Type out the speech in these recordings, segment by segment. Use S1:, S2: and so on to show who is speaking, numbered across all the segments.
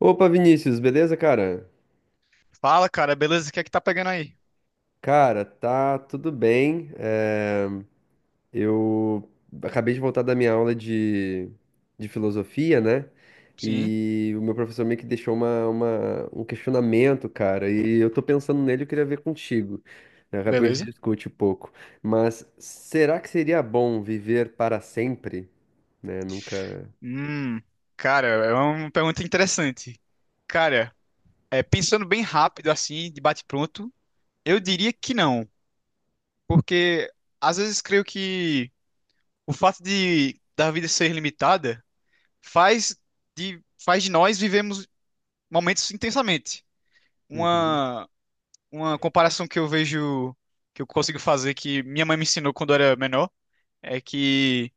S1: Opa, Vinícius, beleza, cara?
S2: Fala, cara, beleza? O que é que tá pegando aí?
S1: Cara, tá tudo bem. Eu acabei de voltar da minha aula de filosofia, né?
S2: Sim.
S1: E o meu professor meio que deixou um questionamento, cara, e eu tô pensando nele, eu queria ver contigo, né? Depois a gente
S2: Beleza?
S1: discute um pouco. Mas será que seria bom viver para sempre? Né? Nunca.
S2: Hum, cara, é uma pergunta interessante. Cara, é, pensando bem rápido assim, de bate-pronto, eu diria que não, porque às vezes creio que o fato de da vida ser limitada faz de nós vivemos momentos intensamente.
S1: Uhum.
S2: Uma uma comparação que eu vejo que eu consigo fazer que minha mãe me ensinou quando eu era menor é que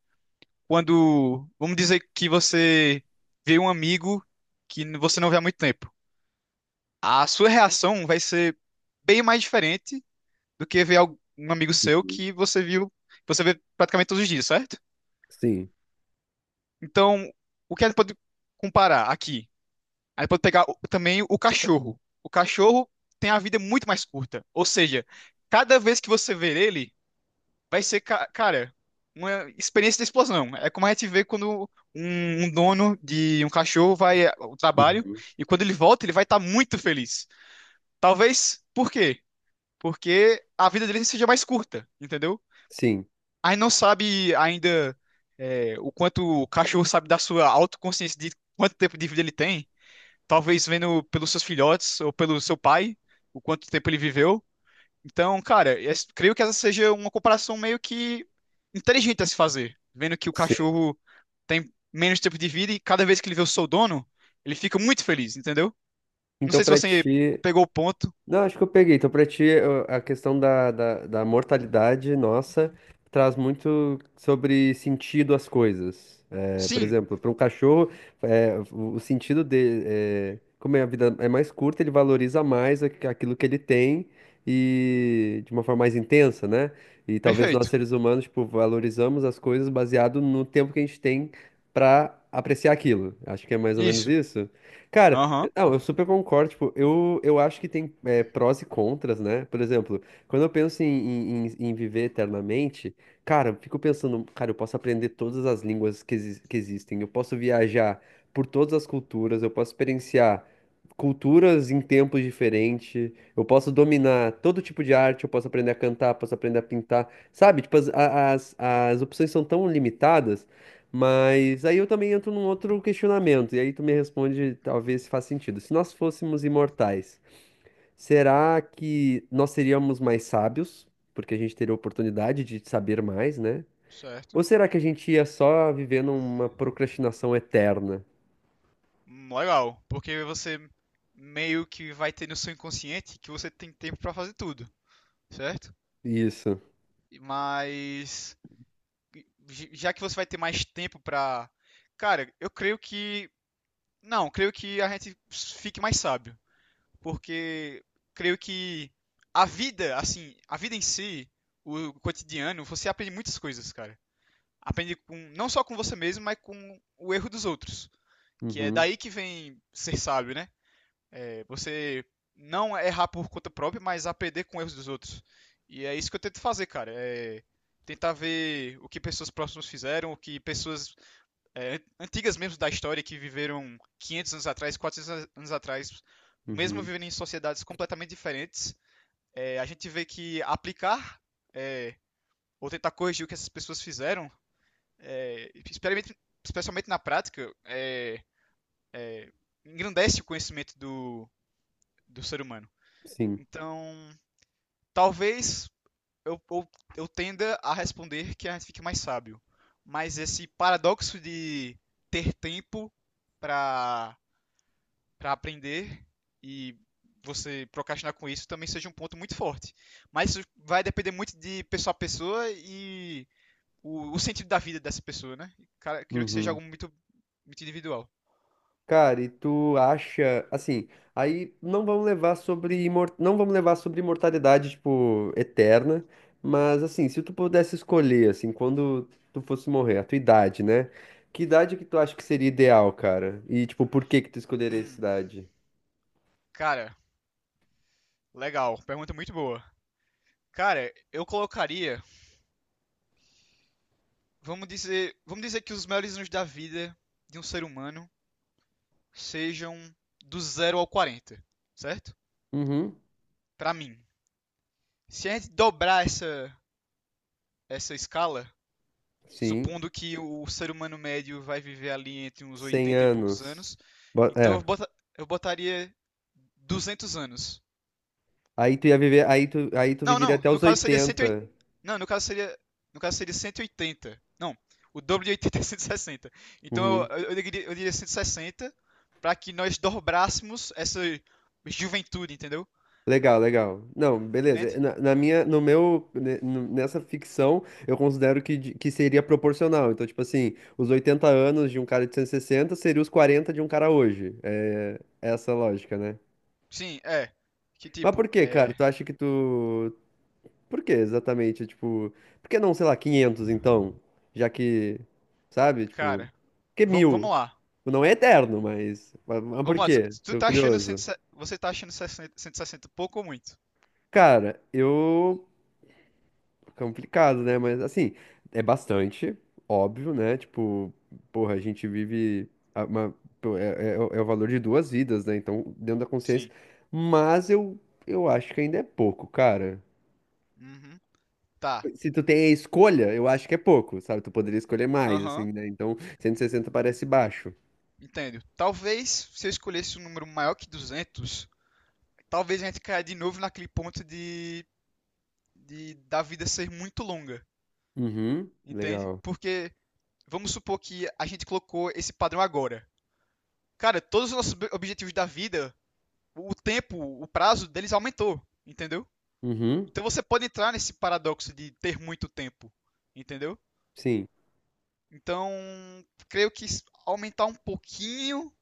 S2: quando, vamos dizer que você vê um amigo que você não vê há muito tempo. A sua reação vai ser bem mais diferente do que ver um amigo seu que você viu, você vê praticamente todos os dias, certo?
S1: Sim.
S2: Então, o que a gente pode comparar aqui? A gente pode pegar também o cachorro. O cachorro tem a vida muito mais curta, ou seja, cada vez que você ver ele vai ser, cara, uma experiência de explosão. É como a gente vê quando um dono de um cachorro vai ao trabalho
S1: Uhum.
S2: e quando ele volta, ele vai estar muito feliz. Talvez, por quê? Porque a vida dele seja mais curta, entendeu?
S1: Sim.
S2: A gente não sabe ainda o quanto o cachorro sabe da sua autoconsciência de quanto tempo de vida ele tem. Talvez vendo pelos seus filhotes ou pelo seu pai, o quanto tempo ele viveu. Então, cara, creio que essa seja uma comparação meio que inteligente a se fazer, vendo que o
S1: Sim.
S2: cachorro tem menos tempo de vida e cada vez que ele vê o seu dono, ele fica muito feliz, entendeu? Não
S1: Então,
S2: sei se
S1: pra
S2: você
S1: ti.
S2: pegou o ponto.
S1: Não, acho que eu peguei. Então, pra ti, a questão da mortalidade nossa traz muito sobre sentido às coisas. É, por
S2: Sim,
S1: exemplo, para um cachorro, é, o sentido dele, é, como é a vida é mais curta, ele valoriza mais aquilo que ele tem e de uma forma mais intensa, né? E talvez nós,
S2: perfeito.
S1: seres humanos, tipo, valorizamos as coisas baseado no tempo que a gente tem pra apreciar aquilo. Acho que é mais ou menos
S2: Isso.
S1: isso. Cara,
S2: Aham.
S1: Não, eu super concordo. Tipo, eu acho que tem prós e contras, né? Por exemplo, quando eu penso em viver eternamente, cara, eu fico pensando, cara, eu posso aprender todas as línguas que existem, eu posso viajar por todas as culturas, eu posso experienciar culturas em tempos diferentes, eu posso dominar todo tipo de arte, eu posso aprender a cantar, posso aprender a pintar, sabe? Tipo, as opções são tão limitadas. Mas aí eu também entro num outro questionamento, e aí tu me responde, talvez se faz sentido. Se nós fôssemos imortais, será que nós seríamos mais sábios, porque a gente teria a oportunidade de saber mais, né?
S2: Certo.
S1: Ou será que a gente ia só viver numa procrastinação eterna?
S2: Legal, porque você meio que vai ter no seu inconsciente que você tem tempo pra fazer tudo, certo?
S1: Isso.
S2: Mas já que você vai ter mais tempo pra... Cara, eu creio que não, creio que a gente fique mais sábio, porque creio que a vida, assim, a vida em si, o cotidiano, você aprende muitas coisas, cara. Aprende com, não só com você mesmo, mas com o erro dos outros. Que é
S1: Uhum,
S2: daí que vem ser sábio, né? É você não errar por conta própria, mas aprender com erros dos outros. E é isso que eu tento fazer, cara. É tentar ver o que pessoas próximas fizeram, o que pessoas antigas mesmo da história que viveram 500 anos atrás, 400 anos atrás, mesmo
S1: uhum,
S2: vivendo em sociedades completamente diferentes, a gente vê que aplicar ou tentar corrigir o que essas pessoas fizeram, é, especialmente na prática, é, engrandece o conhecimento do ser humano.
S1: sim.
S2: Então, talvez eu, eu, eu tenda a responder que a gente fique mais sábio. Mas esse paradoxo de ter tempo para para aprender e você procrastinar com isso também seja um ponto muito forte. Mas isso vai depender muito de pessoa a pessoa e o sentido da vida dessa pessoa, né? E, cara, eu queria que seja
S1: Uhum.
S2: algo muito, muito individual.
S1: Cara, e tu acha, assim, aí não vamos levar sobre não vamos levar sobre imortalidade, tipo, eterna, mas assim, se tu pudesse escolher, assim, quando tu fosse morrer, a tua idade, né? Que idade que tu acha que seria ideal, cara? E tipo, por que que tu escolheria essa
S2: Hum,
S1: idade?
S2: cara, legal. Pergunta muito boa. Cara, eu colocaria, vamos dizer que os melhores anos da vida de um ser humano sejam do zero ao 40, certo?
S1: Uhum.
S2: Pra mim. Se a gente dobrar essa escala,
S1: Sim,
S2: supondo que o ser humano médio vai viver ali entre uns
S1: 100
S2: 80 e poucos
S1: anos.
S2: anos. Então
S1: É.
S2: eu botaria 200 anos.
S1: Aí tu
S2: Não,
S1: viveria
S2: não,
S1: até
S2: no
S1: os
S2: caso seria 180.
S1: 80.
S2: Não, no caso seria 180. Não, o dobro de 80 é 160. Então
S1: Uhum.
S2: eu diria 160 para que nós dobrássemos essa juventude, entendeu?
S1: Legal, legal. Não, beleza.
S2: Entende?
S1: Na, na minha, no meu, ne- no- nessa ficção, eu considero que seria proporcional. Então, tipo assim, os 80 anos de um cara de 160 seria os 40 de um cara hoje. É essa a lógica, né?
S2: Sim, é. Que
S1: Mas por
S2: tipo,
S1: quê, cara?
S2: é.
S1: Tu acha que tu... Por quê, exatamente? Tipo, por que não, sei lá, 500, então? Já que, sabe? Tipo, por
S2: Cara,
S1: que
S2: vamos
S1: 1000?
S2: lá.
S1: Não é eterno, mas... Mas
S2: Vamos
S1: por
S2: lá,
S1: quê?
S2: tu
S1: Tô
S2: tá achando
S1: curioso.
S2: 160, você tá achando 60 160 pouco ou muito?
S1: Cara, eu... Complicado, né? Mas assim, é bastante, óbvio, né? Tipo, porra, a gente vive uma, pô, é o valor de duas vidas, né? Então, dentro da consciência.
S2: Sim.
S1: Mas eu acho que ainda é pouco, cara.
S2: Uhum. Tá.
S1: Se tu tem a escolha, eu acho que é pouco, sabe? Tu poderia escolher mais,
S2: Aham.
S1: assim, né? Então, 160 parece baixo.
S2: Entendo. Talvez se eu escolhesse um número maior que 200, talvez a gente caia de novo naquele ponto de da vida ser muito longa,
S1: Uhum,
S2: entende?
S1: legal.
S2: Porque vamos supor que a gente colocou esse padrão agora. Cara, todos os nossos objetivos da vida, o tempo, o prazo deles aumentou, entendeu?
S1: Uhum,
S2: Então você pode entrar nesse paradoxo de ter muito tempo, entendeu?
S1: sim.
S2: Então, creio que aumentar um pouquinho,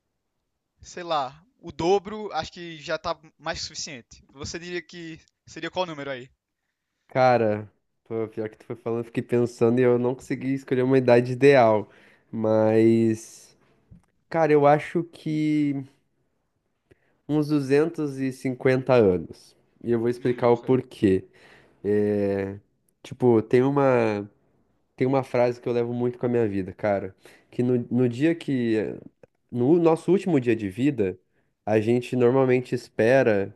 S2: sei lá, o dobro, acho que já tá mais que suficiente. Você diria que seria qual número aí?
S1: Cara, pô, pior que tu foi falando, eu fiquei pensando e eu não consegui escolher uma idade ideal. Mas. Cara, eu acho que uns 250 anos. E eu vou explicar o
S2: Ok.
S1: porquê. É, tipo, tem uma frase que eu levo muito com a minha vida, cara. Que no dia que. No nosso último dia de vida, a gente normalmente espera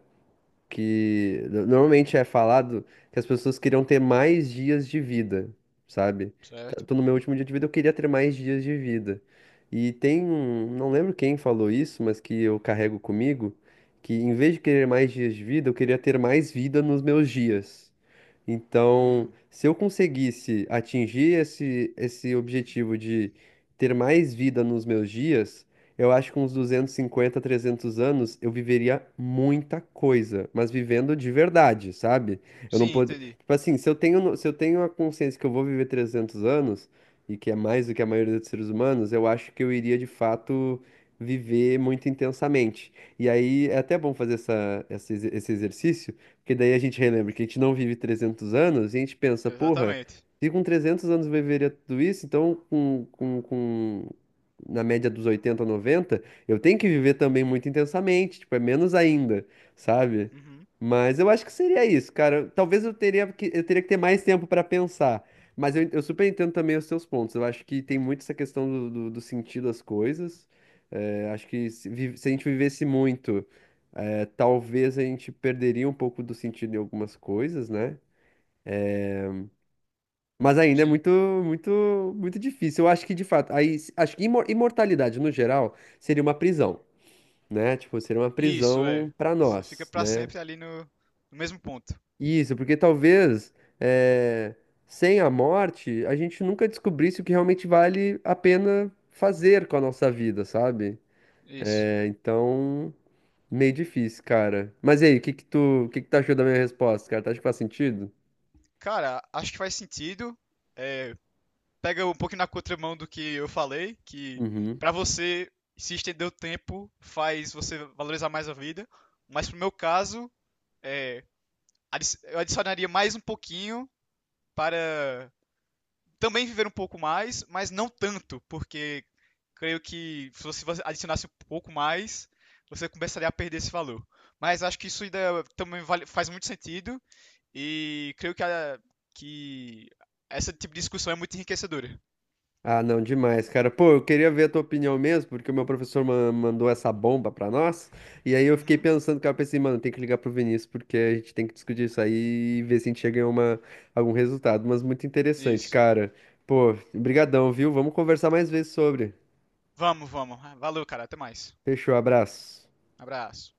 S1: que normalmente é falado que as pessoas queriam ter mais dias de vida, sabe?
S2: Certo.
S1: Tô no meu último dia de vida, eu queria ter mais dias de vida. E tem um, não lembro quem falou isso, mas que eu carrego comigo, que em vez de querer mais dias de vida, eu queria ter mais vida nos meus dias. Então,
S2: Hum.
S1: se eu conseguisse atingir esse, esse- objetivo de ter mais vida nos meus dias, eu acho que uns 250 300 anos eu viveria muita coisa, mas vivendo de verdade, sabe? Eu não
S2: Sim,
S1: pod...
S2: entendi.
S1: Tipo assim, se eu tenho, se eu tenho a consciência que eu vou viver 300 anos, e que é mais do que a maioria dos seres humanos, eu acho que eu iria de fato viver muito intensamente. E aí é até bom fazer esse exercício porque daí a gente relembra que a gente não vive 300 anos e a gente pensa, porra,
S2: Exatamente.
S1: se com 300 anos eu viveria tudo isso, então na média dos 80 90 eu tenho que viver também muito intensamente, tipo, é menos ainda, sabe?
S2: Uhum.
S1: Mas eu acho que seria isso, cara. Talvez eu teria que ter mais tempo pra pensar. Mas eu super entendo também os seus pontos. Eu acho que tem muito essa questão do sentido das coisas. É, acho que se a gente vivesse muito. É, talvez a gente perderia um pouco do sentido em algumas coisas, né? Mas ainda é
S2: Sim.
S1: muito, muito, muito difícil. Eu acho que, de fato, aí, acho que imortalidade, no geral, seria uma prisão, né? Tipo, seria uma
S2: Isso, é.
S1: prisão para
S2: Você fica
S1: nós,
S2: pra
S1: né?
S2: sempre ali no, no mesmo ponto.
S1: Isso, porque talvez, é, sem a morte, a gente nunca descobrisse o que realmente vale a pena fazer com a nossa vida, sabe?
S2: Isso.
S1: É, então, meio difícil, cara. Mas e aí, o que que tu, achou da minha resposta, cara? Tu acha que faz sentido?
S2: Cara, acho que faz sentido. É, pega um pouco na contramão do que eu falei, que
S1: Uhum.
S2: pra você se estender o tempo faz você valorizar mais a vida, mas pro meu caso, é, eu adicionaria mais um pouquinho para também viver um pouco mais, mas não tanto, porque creio que se você adicionasse um pouco mais, você começaria a perder esse valor. Mas acho que isso ainda também faz muito sentido e creio que essa tipo de discussão é muito enriquecedora.
S1: Ah, não, demais, cara. Pô, eu queria ver a tua opinião mesmo, porque o meu professor mandou essa bomba pra nós. E aí eu fiquei
S2: Uhum,
S1: pensando, cara, eu pensei, mano, tem que ligar pro Vinícius, porque a gente tem que discutir isso aí e ver se a gente chega em uma, algum resultado. Mas muito interessante,
S2: isso.
S1: cara. Pô, brigadão, viu? Vamos conversar mais vezes sobre.
S2: Vamos, vamos. Valeu, cara. Até mais.
S1: Fechou, abraço.
S2: Abraço.